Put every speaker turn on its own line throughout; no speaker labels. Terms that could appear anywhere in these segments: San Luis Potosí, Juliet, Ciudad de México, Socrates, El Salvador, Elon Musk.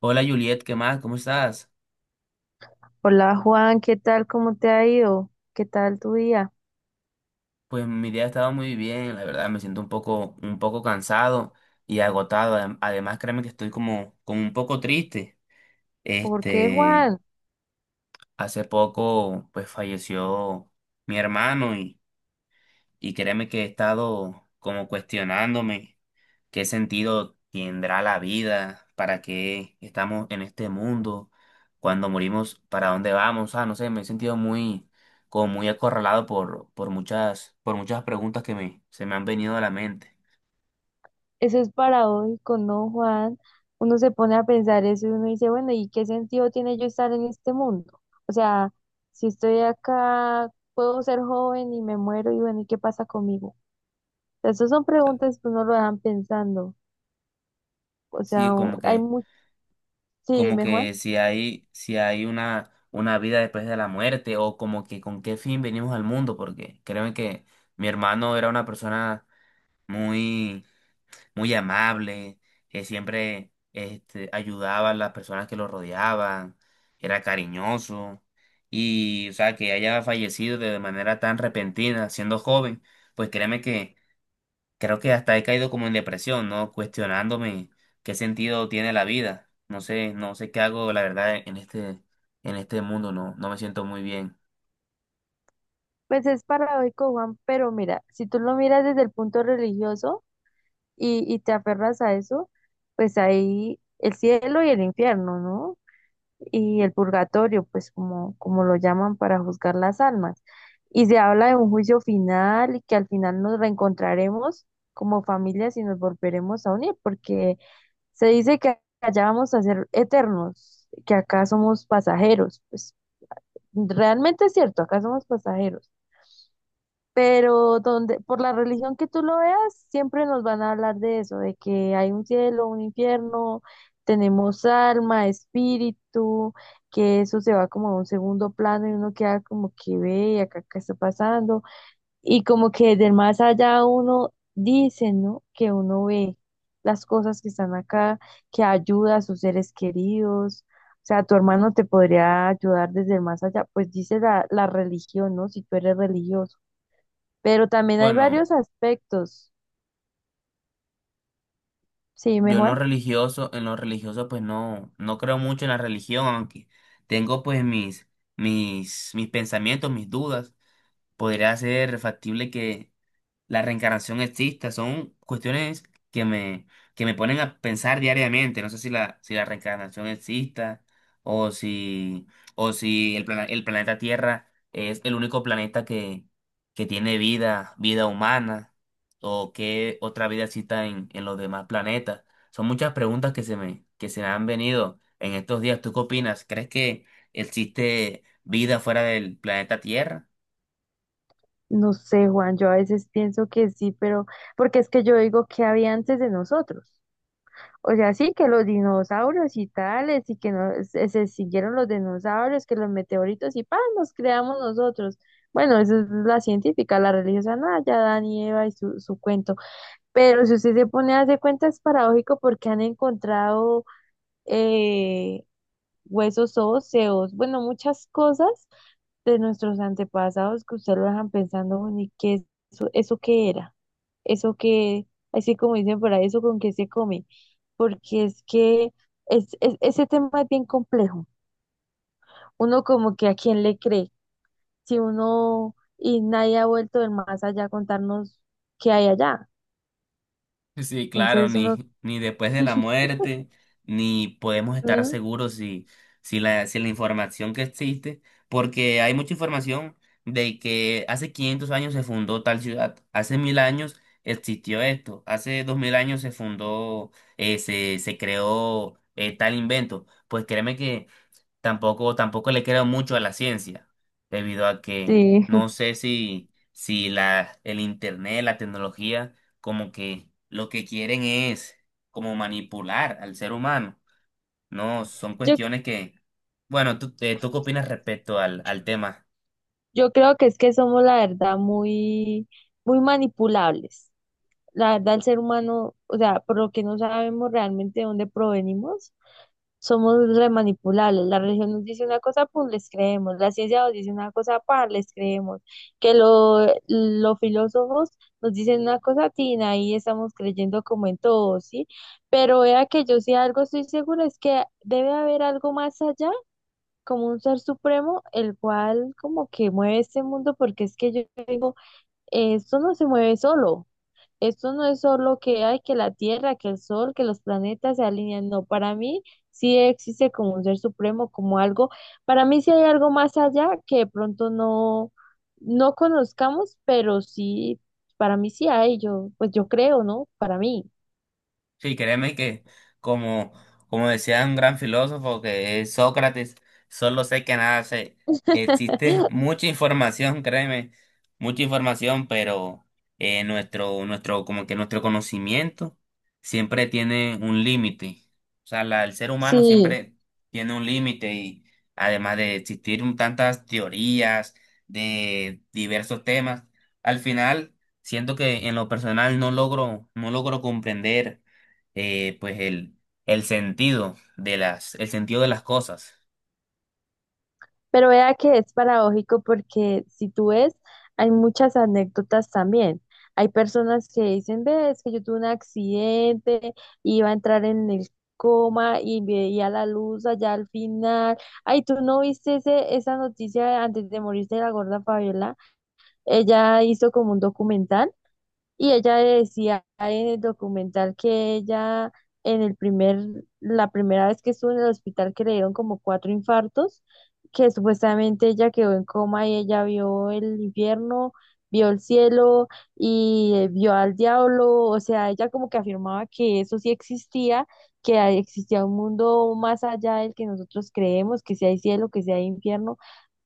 Hola Juliet, ¿qué más? ¿Cómo estás?
Hola Juan, ¿qué tal? ¿Cómo te ha ido? ¿Qué tal tu día?
Pues mi día ha estado muy bien, la verdad me siento un poco cansado y agotado. Además, créeme que estoy como un poco triste.
¿Por qué
Este,
Juan?
Hace poco pues falleció mi hermano y créeme que he estado como cuestionándome. ¿Qué sentido tendrá la vida? ¿Para qué estamos en este mundo? Cuando morimos, ¿para dónde vamos? Ah, no sé, me he sentido muy, como muy acorralado por por muchas preguntas se me han venido a la mente.
Eso es paradójico, ¿no, Juan? Uno se pone a pensar eso y uno dice, bueno, ¿y qué sentido tiene yo estar en este mundo? O sea, si estoy acá, puedo ser joven y me muero y bueno, ¿y qué pasa conmigo? O sea, esas son preguntas que uno lo dejan pensando. O
Sí,
sea, hay mucho. Sí,
como
dime Juan.
que si hay una vida después de la muerte, o como que con qué fin venimos al mundo, porque créeme que mi hermano era una persona muy muy amable, que siempre ayudaba a las personas que lo rodeaban, era cariñoso. Y, o sea, que haya fallecido de manera tan repentina, siendo joven, pues créeme que creo que hasta he caído como en depresión, ¿no? Cuestionándome qué sentido tiene la vida. No sé, no sé qué hago, la verdad, en este mundo, no, no me siento muy bien.
Pues es paradójico, Juan, pero mira, si tú lo miras desde el punto religioso, y te aferras a eso, pues ahí el cielo y el infierno, ¿no? Y el purgatorio, pues como, como lo llaman para juzgar las almas. Y se habla de un juicio final y que al final nos reencontraremos como familias y nos volveremos a unir, porque se dice que allá vamos a ser eternos, que acá somos pasajeros. Pues realmente es cierto, acá somos pasajeros pero donde, por la religión que tú lo veas, siempre nos van a hablar de eso, de que hay un cielo, un infierno, tenemos alma, espíritu, que eso se va como a un segundo plano y uno queda como que ve y acá qué está pasando, y como que del más allá uno dice, ¿no? Que uno ve las cosas que están acá, que ayuda a sus seres queridos. O sea, tu hermano te podría ayudar desde el más allá, pues dice la religión, ¿no? Si tú eres religioso. Pero también hay
Bueno.
varios aspectos. Sí, dime,
Yo en lo
Juan.
religioso, En lo religioso pues no, no creo mucho en la religión, aunque tengo pues mis pensamientos, mis dudas. Podría ser factible que la reencarnación exista, son cuestiones que me, que me ponen a pensar diariamente. No sé si la reencarnación exista o si, el planeta Tierra es el único planeta que tiene vida humana o qué otra vida exista en los demás planetas. Son muchas preguntas que se me han venido en estos días. ¿Tú qué opinas? ¿Crees que existe vida fuera del planeta Tierra?
No sé, Juan, yo a veces pienso que sí, pero porque es que yo digo que había antes de nosotros. O sea, sí, que los dinosaurios y tales, y que no, se siguieron los dinosaurios, que los meteoritos y ¡pam! Nos creamos nosotros. Bueno, eso es la científica, la religiosa, nada, ya Dan y Eva y su cuento. Pero si usted se pone a hacer cuenta, es paradójico porque han encontrado eh, huesos óseos, bueno, muchas cosas de nuestros antepasados que usted lo dejan pensando, bueno, ¿y qué es eso, eso qué era? Eso que, así como dicen por ahí, eso con qué se come, porque es que es, ese tema es bien complejo. Uno como que a quién le cree, si uno y nadie ha vuelto del más allá a contarnos qué hay allá.
Sí, claro,
Entonces uno,
ni después de la muerte, ni podemos estar
mm,
seguros si, si la información que existe, porque hay mucha información de que hace 500 años se fundó tal ciudad, hace 1.000 años existió esto, hace 2.000 años se fundó, se creó tal invento. Pues créeme que tampoco le creo mucho a la ciencia, debido a que
sí,
no sé si, el internet, la tecnología, como que lo que quieren es como manipular al ser humano. No, son
yo,
cuestiones que, bueno, ¿ tú qué opinas respecto al tema?
yo creo que es que somos la verdad muy, muy manipulables. La verdad, el ser humano, o sea, por lo que no sabemos realmente de dónde provenimos, somos remanipulables. La religión nos dice una cosa, pues les creemos. La ciencia nos dice una cosa, pues les creemos. Que los filósofos nos dicen una cosa, tina, ahí estamos creyendo como en todo, ¿sí? Pero vea que yo sí algo estoy segura, es que debe haber algo más allá, como un ser supremo, el cual como que mueve este mundo, porque es que yo digo, esto no se mueve solo. Esto no es solo que hay que la Tierra, que el Sol, que los planetas se alinean. No, para mí sí existe como un ser supremo, como algo. Para mí sí hay algo más allá que de pronto no, no conozcamos, pero sí, para mí sí hay. Yo, pues yo creo, ¿no? Para mí.
Sí, créeme que como, como decía un gran filósofo que es Sócrates, solo sé que nada sé. Existe mucha información, créeme, mucha información, pero nuestro, como que nuestro conocimiento siempre tiene un límite. O sea, el ser humano
Sí.
siempre tiene un límite y además de existir tantas teorías de diversos temas, al final siento que en lo personal no logro, no logro comprender pues el, el sentido de las cosas.
Pero vea que es paradójico porque si tú ves, hay muchas anécdotas también. Hay personas que dicen, ve, es que yo tuve un accidente, iba a entrar en el coma y veía la luz allá al final. Ay, ¿tú no viste ese, esa noticia antes de morirse de la gorda Fabiola? Ella hizo como un documental y ella decía en el documental que ella en el primer, la primera vez que estuvo en el hospital que le dieron como cuatro infartos, que supuestamente ella quedó en coma y ella vio el infierno, vio el cielo y vio al diablo, o sea, ella como que afirmaba que eso sí existía, que ahí existía un mundo más allá del que nosotros creemos, que si hay cielo, que si hay infierno,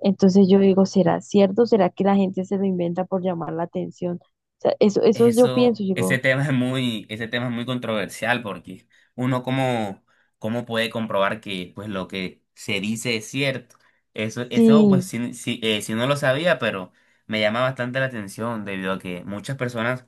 entonces yo digo, ¿será cierto? ¿Será que la gente se lo inventa por llamar la atención? O sea, eso yo pienso,
Eso,
yo
ese
digo,
tema es muy, Ese tema es muy controversial porque uno cómo, cómo puede comprobar que pues lo que se dice es cierto. Eso pues
sí,
si no lo sabía, pero me llama bastante la atención debido a que muchas personas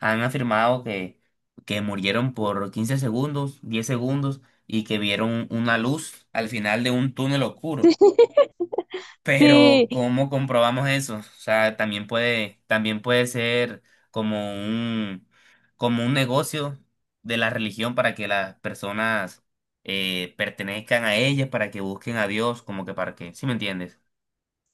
han afirmado que murieron por 15 segundos, 10 segundos y que vieron una luz al final de un túnel oscuro.
sí,
Pero
sí,
¿cómo comprobamos eso? O sea, también puede ser como un, como un negocio de la religión para que las personas pertenezcan a ella, para que busquen a Dios, como que para que, ¿sí me entiendes?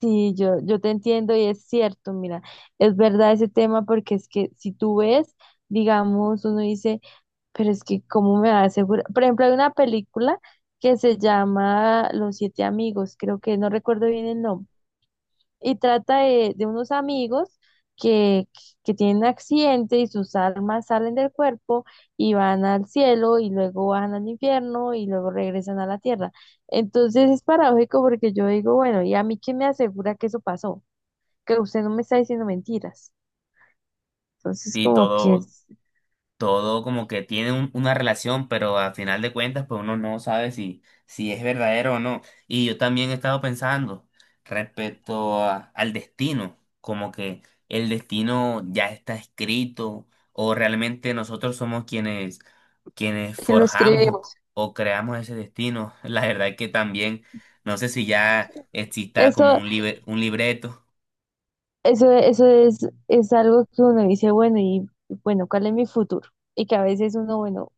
sí, yo te entiendo y es cierto, mira, es verdad ese tema porque es que si tú ves, digamos, uno dice, pero es que ¿cómo me va a asegurar? Por ejemplo, hay una película que se llama Los Siete Amigos, creo que no recuerdo bien el nombre y trata de, unos amigos que, tienen un accidente y sus almas salen del cuerpo y van al cielo y luego bajan al infierno y luego regresan a la tierra. Entonces es paradójico porque yo digo, bueno, ¿y a mí quién me asegura que eso pasó? Que usted no me está diciendo mentiras. Entonces
Y
como que,
todo, Todo como que tiene una relación, pero al final de cuentas, pues uno no sabe si, si es verdadero o no. Y yo también he estado pensando respecto al destino, como que el destino ya está escrito o realmente nosotros somos quienes, quienes
que lo
forjamos
escribimos.
o creamos ese destino. La verdad es que también, no sé si ya exista como
Eso,
libre un libreto.
eso es algo que uno dice, bueno, y bueno, ¿cuál es mi futuro? Y que a veces uno, bueno,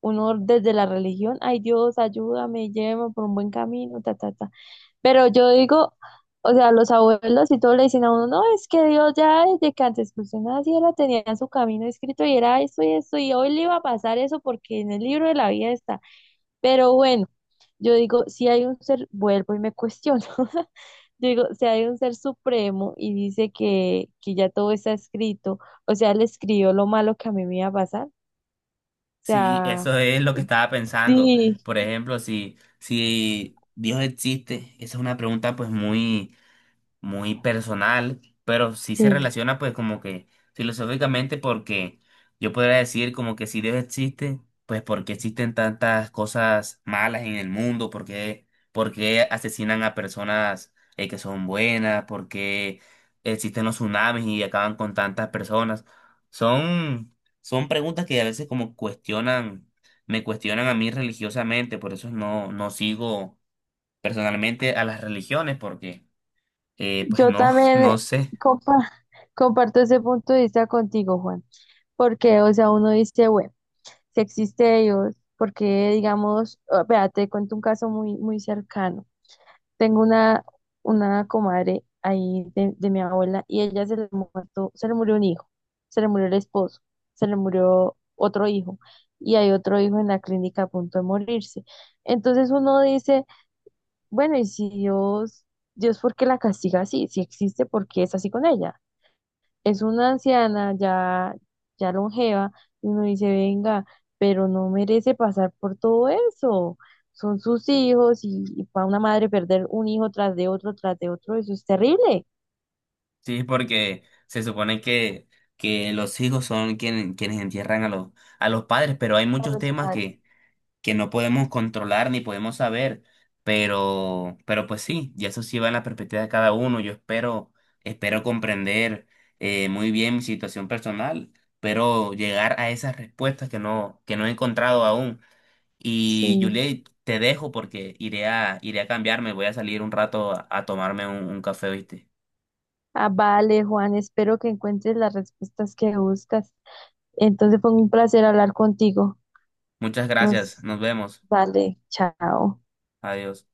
uno desde la religión, ay Dios, ayúdame, llévame por un buen camino, ta, ta, ta. Pero yo digo, o sea, los abuelos y todo le dicen a uno, no, es que Dios ya desde que antes que usted naciera tenía su camino escrito y era esto y esto, y hoy le iba a pasar eso porque en el libro de la vida está. Pero bueno, yo digo, si hay un ser, vuelvo y me cuestiono, yo digo, si hay un ser supremo y dice que, ya todo está escrito, o sea, él escribió lo malo que a mí me iba a pasar, o
Sí,
sea,
eso es lo que estaba pensando.
sí,
Por ejemplo, si Dios existe, esa es una pregunta pues muy personal, pero sí se
sí.
relaciona pues como que filosóficamente porque yo podría decir como que si Dios existe, pues por qué existen tantas cosas malas en el mundo, por qué asesinan a personas que son buenas, por qué existen los tsunamis y acaban con tantas personas. Son, Son preguntas que a veces como cuestionan, me cuestionan a mí religiosamente, por eso no, no sigo personalmente a las religiones porque... pues
Yo
no,
también
no sé.
compa- comparto ese punto de vista contigo, Juan, porque, o sea, uno dice, bueno, si existe Dios, porque, digamos, ah, vea, te cuento un caso muy, muy cercano. Tengo una, comadre ahí de, mi abuela y ella se le muerto, se le murió un hijo, se le murió el esposo, se le murió otro hijo y hay otro hijo en la clínica a punto de morirse. Entonces uno dice bueno, y si Dios, Dios, ¿por qué la castiga así? Si existe, ¿por qué es así con ella? Es una anciana ya, ya longeva, y uno dice, venga, pero no merece pasar por todo eso. Son sus hijos y, para una madre perder un hijo tras de otro, eso es terrible.
Sí, porque se supone que los hijos son quienes entierran a los padres, pero hay
Para
muchos
los
temas
padres.
que no podemos controlar ni podemos saber. Pero pues sí, y eso sí va en la perspectiva de cada uno. Yo espero, espero comprender muy bien mi situación personal, pero llegar a esas respuestas que no he encontrado aún.
Sí.
Y Juliet, te dejo porque iré a cambiarme, voy a salir un rato a tomarme un café, ¿viste?
Ah, vale, Juan, espero que encuentres las respuestas que buscas. Entonces fue un placer hablar contigo.
Muchas gracias,
Nos
nos vemos,
vale, chao.
adiós.